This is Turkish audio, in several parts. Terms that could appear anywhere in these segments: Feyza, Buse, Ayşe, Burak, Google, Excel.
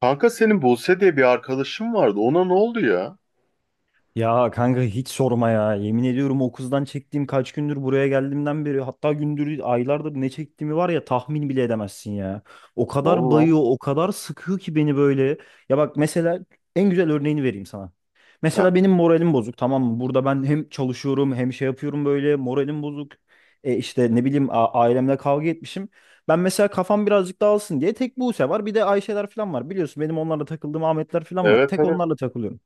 Kanka senin Buse diye bir arkadaşın vardı. Ona ne oldu ya? Ya kanka hiç sorma ya. Yemin ediyorum o kızdan çektiğim kaç gündür buraya geldiğimden beri hatta gündür aylardır ne çektiğimi var ya tahmin bile edemezsin ya. O Ne kadar oldu lan? bayıyor, o kadar sıkıyor ki beni böyle. Ya bak mesela en güzel örneğini vereyim sana. Heh, Mesela benim moralim bozuk, tamam mı? Burada ben hem çalışıyorum hem şey yapıyorum, böyle moralim bozuk. E işte ne bileyim, ailemle kavga etmişim. Ben mesela kafam birazcık dağılsın diye tek Buse var, bir de Ayşeler falan var. Biliyorsun benim onlarla takıldığım Ahmetler falan var. evet Tek evet. onlarla takılıyorum.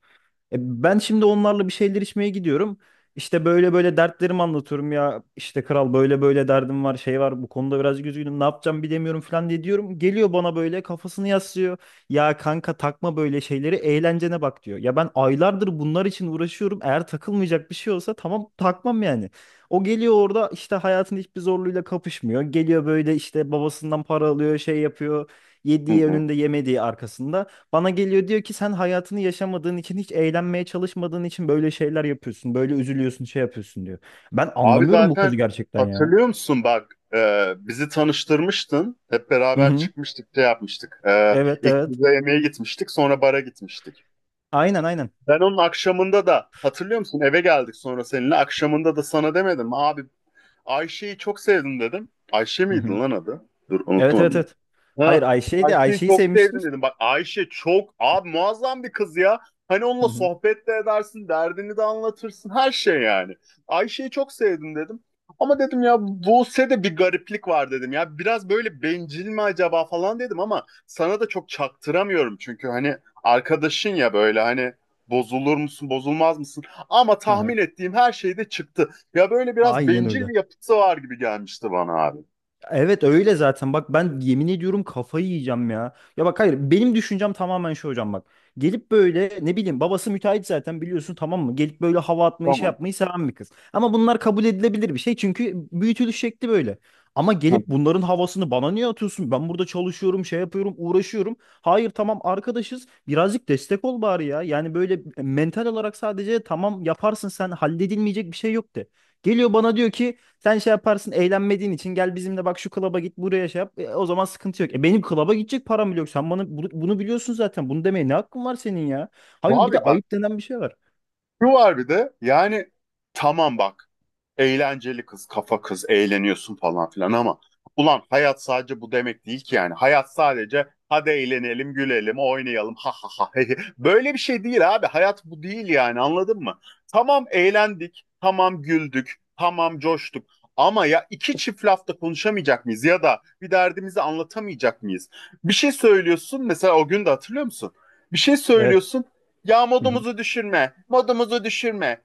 E, Ben şimdi onlarla bir şeyler içmeye gidiyorum. İşte böyle böyle dertlerimi anlatıyorum ya. İşte kral böyle böyle derdim var, şey var. Bu konuda biraz üzgünüm. Ne yapacağım bilemiyorum falan diye diyorum. Geliyor bana böyle kafasını yaslıyor. Ya kanka takma böyle şeyleri, eğlencene bak diyor. Ya ben aylardır bunlar için uğraşıyorum. Eğer takılmayacak bir şey olsa tamam takmam yani. O geliyor orada işte hayatın hiçbir zorluğuyla kapışmıyor. Geliyor böyle işte babasından para alıyor, şey yapıyor. Hı Yediği hı. önünde, yemediği arkasında. Bana geliyor diyor ki sen hayatını yaşamadığın için, hiç eğlenmeye çalışmadığın için böyle şeyler yapıyorsun. Böyle üzülüyorsun, şey yapıyorsun diyor. Ben Abi anlamıyorum bu zaten kızı gerçekten ya. hatırlıyor musun bak, bizi tanıştırmıştın. Hep Hı beraber hı. çıkmıştık şey yapmıştık. E, Evet ilk evet. bize yemeğe gitmiştik sonra bara gitmiştik. Aynen aynen. Ben onun akşamında da hatırlıyor musun eve geldik sonra seninle akşamında da sana demedim mi? Abi, Ayşe'yi çok sevdim dedim. Ayşe Hı miydi hı. lan adı? Dur unuttum Evet evet adını. evet. Hayır Ha, Ayşe'yi de, Ayşe'yi Ayşe'yi çok sevmiştin. sevdim dedim. Bak, Ayşe çok abi muazzam bir kız ya. Hani onunla Hı hı. sohbet de edersin, derdini de anlatırsın, her şey yani. Ayşe'yi çok sevdim dedim. Ama dedim ya Buse'de bir gariplik var dedim ya. Biraz böyle bencil mi acaba falan dedim ama sana da çok çaktıramıyorum. Çünkü hani arkadaşın ya, böyle hani bozulur musun, bozulmaz mısın? Ama Hı hı. tahmin ettiğim her şey de çıktı. Ya böyle biraz Aynen bencil öyle. bir yapısı var gibi gelmişti bana abi. Evet öyle zaten. Bak ben yemin ediyorum kafayı yiyeceğim ya. Ya bak hayır, benim düşüncem tamamen şu hocam bak. Gelip böyle ne bileyim, babası müteahhit zaten biliyorsun, tamam mı? Gelip böyle hava atmayı, şey Tamam. yapmayı seven bir kız. Ama bunlar kabul edilebilir bir şey, çünkü büyütülüş şekli böyle. Ama Hı. gelip bunların havasını bana niye atıyorsun? Ben burada çalışıyorum, şey yapıyorum, uğraşıyorum. Hayır tamam, arkadaşız. Birazcık destek ol bari ya. Yani böyle mental olarak, sadece tamam yaparsın sen, halledilmeyecek bir şey yok de. Geliyor bana diyor ki sen şey yaparsın eğlenmediğin için, gel bizimle, bak şu klaba git, buraya şey yap. O zaman sıkıntı yok. E benim klaba gidecek param bile yok. Sen bana bunu, bunu biliyorsun zaten. Bunu demeye ne hakkın var senin ya? Hayır bir de Abi bak, ayıp denen bir şey var. şu var bir de yani, tamam bak, eğlenceli kız, kafa kız, eğleniyorsun falan filan ama ulan hayat sadece bu demek değil ki yani. Hayat sadece hadi eğlenelim, gülelim, oynayalım. Ha ha ha. He, he. Böyle bir şey değil abi. Hayat bu değil yani. Anladın mı? Tamam eğlendik, tamam güldük, tamam coştuk. Ama ya iki çift lafta konuşamayacak mıyız ya da bir derdimizi anlatamayacak mıyız? Bir şey söylüyorsun mesela, o gün de hatırlıyor musun? Bir şey Evet. söylüyorsun ya, Hı hı. modumuzu düşürme, modumuzu düşürme.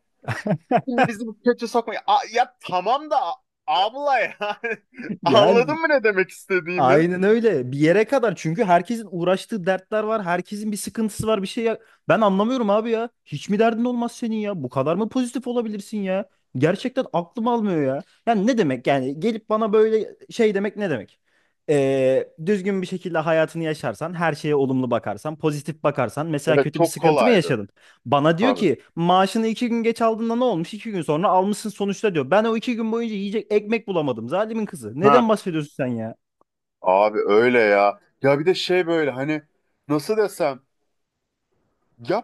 Şimdi bizi bu kötü sokmayın. Ya tamam da abla ya. Anladın Yani mı ne demek istediğimi? aynen öyle. Bir yere kadar, çünkü herkesin uğraştığı dertler var. Herkesin bir sıkıntısı var, bir şey ya. Ben anlamıyorum abi ya. Hiç mi derdin olmaz senin ya? Bu kadar mı pozitif olabilirsin ya? Gerçekten aklım almıyor ya. Yani ne demek, yani gelip bana böyle şey demek ne demek? Düzgün bir şekilde hayatını yaşarsan, her şeye olumlu bakarsan, pozitif bakarsan, mesela Evet kötü bir çok sıkıntı mı kolaydı. yaşadın? Bana diyor Tabii. ki maaşını iki gün geç aldığında ne olmuş? İki gün sonra almışsın sonuçta diyor. Ben o iki gün boyunca yiyecek ekmek bulamadım. Zalimin kızı. Ha. Neden bahsediyorsun sen ya? Abi öyle ya. Ya bir de şey böyle hani, nasıl desem ya,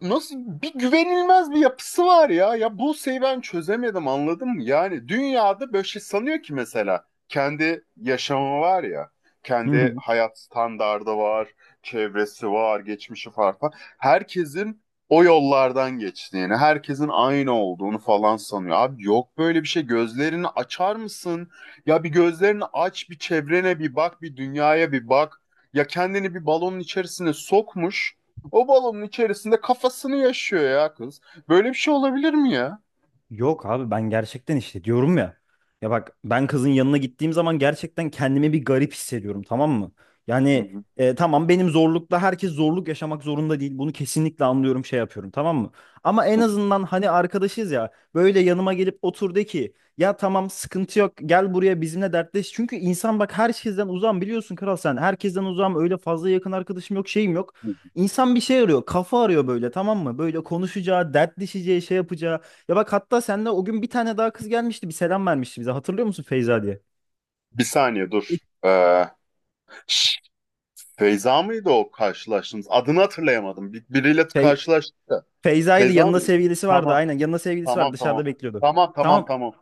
nasıl bir güvenilmez bir yapısı var ya. Ya Buse'yi ben çözemedim anladın mı? Yani dünyada böyle şey sanıyor ki, mesela kendi yaşamı var ya. Kendi hayat standardı var, çevresi var, geçmişi var falan. Herkesin o yollardan geçtiğini, herkesin aynı olduğunu falan sanıyor. Abi yok böyle bir şey. Gözlerini açar mısın? Ya bir gözlerini aç, bir çevrene bir bak, bir dünyaya bir bak. Ya kendini bir balonun içerisine sokmuş. O balonun içerisinde kafasını yaşıyor ya kız. Böyle bir şey olabilir mi ya? Yok abi ben gerçekten işte diyorum ya. Ya bak ben kızın yanına gittiğim zaman gerçekten kendimi bir garip hissediyorum, tamam mı? Yani tamam, benim zorlukla herkes zorluk yaşamak zorunda değil. Bunu kesinlikle anlıyorum, şey yapıyorum, tamam mı? Ama en azından hani arkadaşız ya, böyle yanıma gelip otur de ki ya tamam sıkıntı yok, gel buraya bizimle dertleş. Çünkü insan, bak herkesten uzağım biliyorsun kral, sen herkesten uzağım, öyle fazla yakın arkadaşım yok, şeyim yok. İnsan bir şey arıyor, kafa arıyor böyle, tamam mı? Böyle konuşacağı, dertleşeceği, şey yapacağı. Ya bak, hatta seninle o gün bir tane daha kız gelmişti. Bir selam vermişti bize. Hatırlıyor musun Feyza diye? Bir saniye dur. İlk şş, Feyza mıydı o karşılaştığımız? Adını hatırlayamadım. Biriyle Fey karşılaştık da. Feyza'ydı. Feyza Yanında mıydı? sevgilisi vardı. Tamam. Aynen yanında sevgilisi vardı. Tamam tamam. Dışarıda bekliyordu. Tamam tamam Tamam, tamam.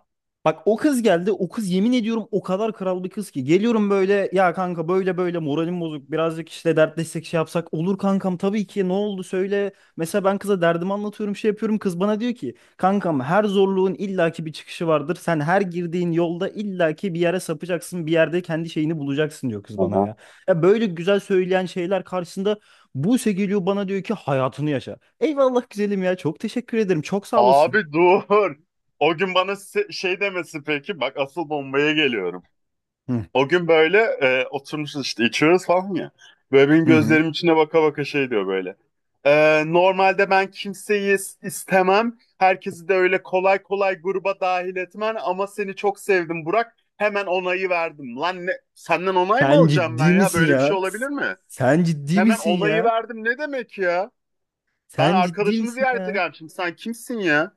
bak o kız geldi. O kız yemin ediyorum o kadar kral bir kız ki. Geliyorum böyle ya kanka böyle böyle moralim bozuk. Birazcık işte dertleşsek, şey yapsak. Olur kankam, tabii ki, ne oldu söyle. Mesela ben kıza derdimi anlatıyorum, şey yapıyorum. Kız bana diyor ki kankam, her zorluğun illaki bir çıkışı vardır. Sen her girdiğin yolda illaki bir yere sapacaksın. Bir yerde kendi şeyini bulacaksın diyor kız bana Aha. ya. Ya böyle güzel söyleyen şeyler karşısında Buse geliyor bana diyor ki hayatını yaşa. Eyvallah güzelim ya, çok teşekkür ederim, çok sağ olasın. Abi dur. O gün bana şey demesi peki. Bak asıl bombaya geliyorum. Hı O gün böyle, oturmuşuz işte içiyoruz falan ya. Böyle benim hı hı. gözlerim içine baka baka şey diyor böyle. Normalde ben kimseyi istemem. Herkesi de öyle kolay kolay gruba dahil etmem. Ama seni çok sevdim Burak. Hemen onayı verdim. Lan ne, senden onay mı Sen alacağım ben ciddi ya? misin Böyle bir şey ya? olabilir mi? Sen ciddi Hemen misin onayı ya? verdim ne demek ya? Ben Sen ciddi arkadaşımı misin ziyarete ya? gelmişim. Sen kimsin ya?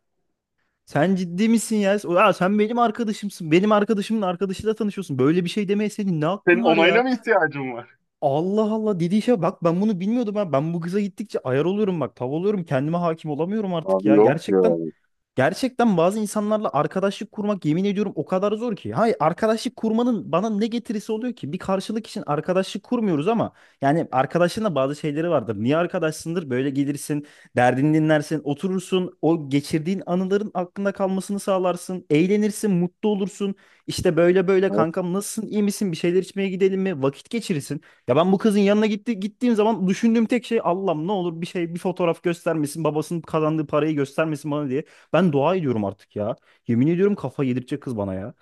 Sen ciddi misin ya? Aa, sen benim arkadaşımsın. Benim arkadaşımın arkadaşıyla tanışıyorsun. Böyle bir şey demeye senin ne Senin hakkın var onayına ya? mı ihtiyacım var? Allah Allah, dediği şey bak, ben bunu bilmiyordum ha. Ben bu kıza gittikçe ayar oluyorum bak. Tav oluyorum. Kendime hakim olamıyorum artık Abi ya. yok ya. Gerçekten bazı insanlarla arkadaşlık kurmak, yemin ediyorum, o kadar zor ki. Hayır, arkadaşlık kurmanın bana ne getirisi oluyor ki? Bir karşılık için arkadaşlık kurmuyoruz, ama yani arkadaşın da bazı şeyleri vardır. Niye arkadaşsındır? Böyle gelirsin, derdini dinlersin, oturursun, o geçirdiğin anıların aklında kalmasını sağlarsın, eğlenirsin, mutlu olursun. İşte böyle böyle kankam nasılsın, iyi misin, bir şeyler içmeye gidelim mi? Vakit geçirirsin. Ya ben bu kızın gittiğim zaman düşündüğüm tek şey Allah'ım ne olur bir şey, bir fotoğraf göstermesin, babasının kazandığı parayı göstermesin bana diye. Ben dua ediyorum artık ya. Yemin ediyorum kafa yedirecek kız bana ya.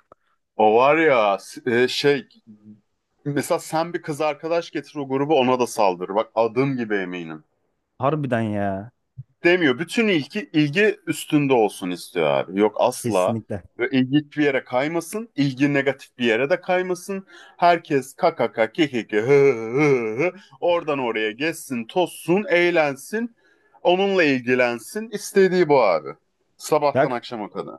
O var ya, şey mesela sen bir kız arkadaş getir, o grubu ona da saldır. Bak adım gibi eminim. Harbiden ya. Demiyor. Bütün ilgi ilgi üstünde olsun istiyor abi. Yok asla. Kesinlikle. Ve ilgi hiçbir yere kaymasın. İlgi negatif bir yere de kaymasın. Herkes kakaka kikiki hı hı hı. Oradan oraya geçsin, tozsun, eğlensin. Onunla ilgilensin. İstediği bu abi. Sabahtan Ya akşama kadar.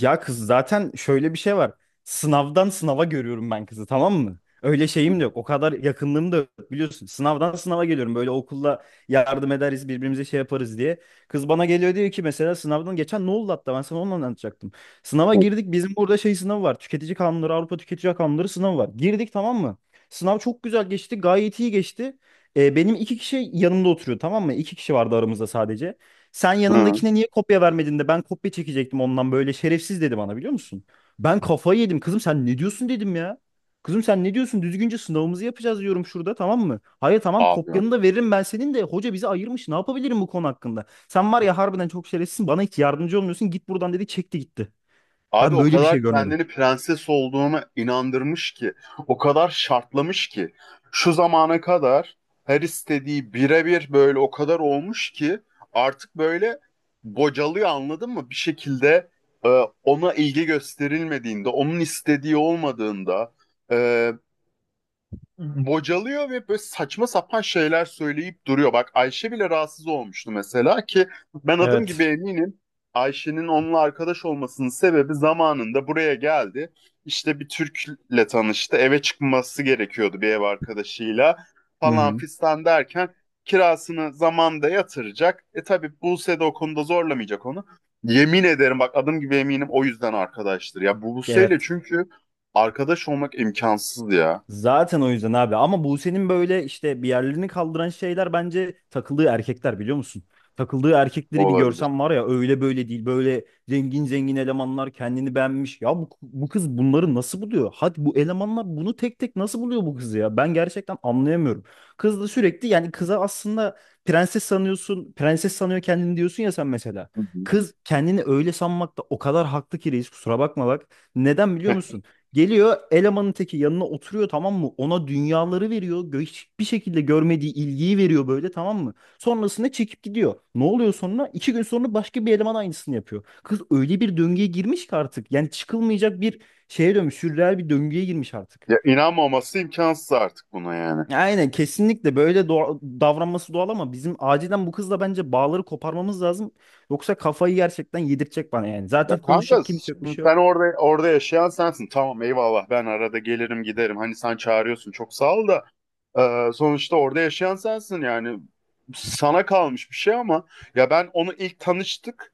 Ya kız zaten şöyle bir şey var. Sınavdan sınava görüyorum ben kızı, tamam mı? Öyle şeyim de yok. O kadar yakınlığım da yok biliyorsun. Sınavdan sınava geliyorum. Böyle okulda yardım ederiz birbirimize, şey yaparız diye. Kız bana geliyor diyor ki mesela sınavdan geçen ne oldu, hatta ben sana onu anlatacaktım. Sınava girdik, bizim burada şey sınavı var. Tüketici kanunları, Avrupa Tüketici Kanunları sınavı var. Girdik, tamam mı? Sınav çok güzel geçti, gayet iyi geçti. Benim iki kişi yanımda oturuyor, tamam mı? İki kişi vardı aramızda sadece. Sen Hı. yanındakine niye kopya vermedin de ben kopya çekecektim ondan, böyle şerefsiz dedi bana biliyor musun? Ben kafayı yedim. Kızım sen ne diyorsun dedim ya. Kızım sen ne diyorsun? Düzgünce sınavımızı yapacağız diyorum şurada, tamam mı? Hayır tamam, Abi kopyanı da veririm ben senin de. Hoca bizi ayırmış. Ne yapabilirim bu konu hakkında? Sen var ya, harbiden çok şerefsizsin. Bana hiç yardımcı olmuyorsun. Git buradan dedi, çekti gitti. Abi, Ben o böyle bir şey kadar görmedim. kendini prenses olduğuna inandırmış ki, o kadar şartlamış ki, şu zamana kadar her istediği birebir böyle o kadar olmuş ki artık böyle bocalıyor anladın mı? Bir şekilde, e, ona ilgi gösterilmediğinde, onun istediği olmadığında, e, bocalıyor ve böyle saçma sapan şeyler söyleyip duruyor. Bak Ayşe bile rahatsız olmuştu mesela ki ben adım gibi Evet. eminim Ayşe'nin onunla arkadaş olmasının sebebi zamanında buraya geldi. İşte bir Türk'le tanıştı. Eve çıkması gerekiyordu bir ev arkadaşıyla Hı falan hı. fistan derken kirasını zamanda yatıracak. E tabii Buse de o konuda zorlamayacak onu. Yemin ederim bak adım gibi eminim o yüzden arkadaştır. Ya Buse'yle Evet. çünkü arkadaş olmak imkansız ya. Zaten o yüzden abi, ama Buse'nin böyle işte bir yerlerini kaldıran şeyler, bence takıldığı erkekler biliyor musun? Takıldığı O erkekleri bir olabilir. görsem var ya, öyle böyle değil, böyle zengin zengin elemanlar, kendini beğenmiş. Ya bu kız bunları nasıl buluyor? Hadi bu elemanlar bunu tek tek nasıl buluyor bu kızı ya? Ben gerçekten anlayamıyorum. Kız da sürekli, yani kıza aslında prenses sanıyorsun, prenses sanıyor kendini diyorsun ya sen mesela. Hı hı. Kız kendini öyle sanmakta o kadar haklı ki reis, kusura bakma bak. Neden biliyor musun? Geliyor elemanın teki yanına oturuyor, tamam mı? Ona dünyaları veriyor. Hiçbir şekilde görmediği ilgiyi veriyor böyle, tamam mı? Sonrasında çekip gidiyor. Ne oluyor sonra? İki gün sonra başka bir eleman aynısını yapıyor. Kız öyle bir döngüye girmiş ki artık. Yani çıkılmayacak bir şeye dönmüş. Sürreel bir döngüye girmiş artık. Ya inanmaması imkansız artık buna yani. Aynen kesinlikle, böyle davranması doğal, ama bizim acilen bu kızla bence bağları koparmamız lazım. Yoksa kafayı gerçekten yedirtecek bana yani. Zaten Ya kanka, konuşacak kimse yok, bir şimdi şey yok. sen orada yaşayan sensin. Tamam eyvallah, ben arada gelirim giderim. Hani sen çağırıyorsun çok sağ ol da, sonuçta orada yaşayan sensin yani. Sana kalmış bir şey ama ya ben onu ilk tanıştık.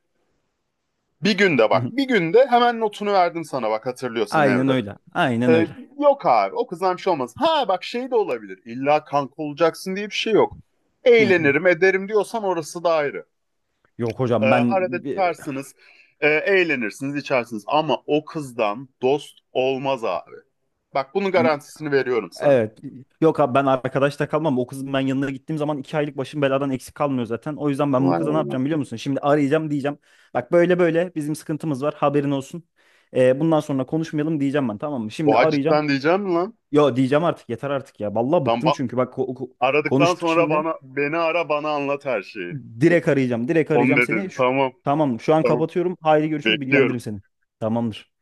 Bir günde Hı bak hı. bir günde hemen notunu verdim sana bak, hatırlıyorsan Aynen evde. öyle. Aynen E, öyle. yok abi o kızdan bir şey olmaz. Ha bak, şey de olabilir. İlla kanka olacaksın diye bir şey yok. Hı hı. Eğlenirim ederim diyorsan orası da ayrı. Yok Ee, hocam ben arada e, tutarsınız, eğlenirsiniz, içersiniz. Ama o kızdan dost olmaz abi. Bak bunun y- garantisini veriyorum sana. evet, yok abi ben arkadaşta kalmam. O kızın ben yanına gittiğim zaman iki aylık başım beladan eksik kalmıyor zaten. O yüzden ben bu Vay kıza ne anam. yapacağım biliyor musun? Şimdi arayacağım diyeceğim. Bak böyle böyle bizim sıkıntımız var, haberin olsun. Bundan sonra konuşmayalım diyeceğim ben, tamam mı? Şimdi Oha arayacağım. cidden diyeceğim mi lan? Yo, diyeceğim, artık yeter artık ya. Vallahi Tam bıktım, ba- çünkü bak aradıktan konuştuk sonra şimdi. bana, beni ara bana anlat her şeyi. Direkt arayacağım. Direkt Onu arayacağım seni. dedin. Tamam. Tamam şu an Tamam. kapatıyorum. Haydi görüşürüz, Bekliyorum. bilgilendiririm seni. Tamamdır.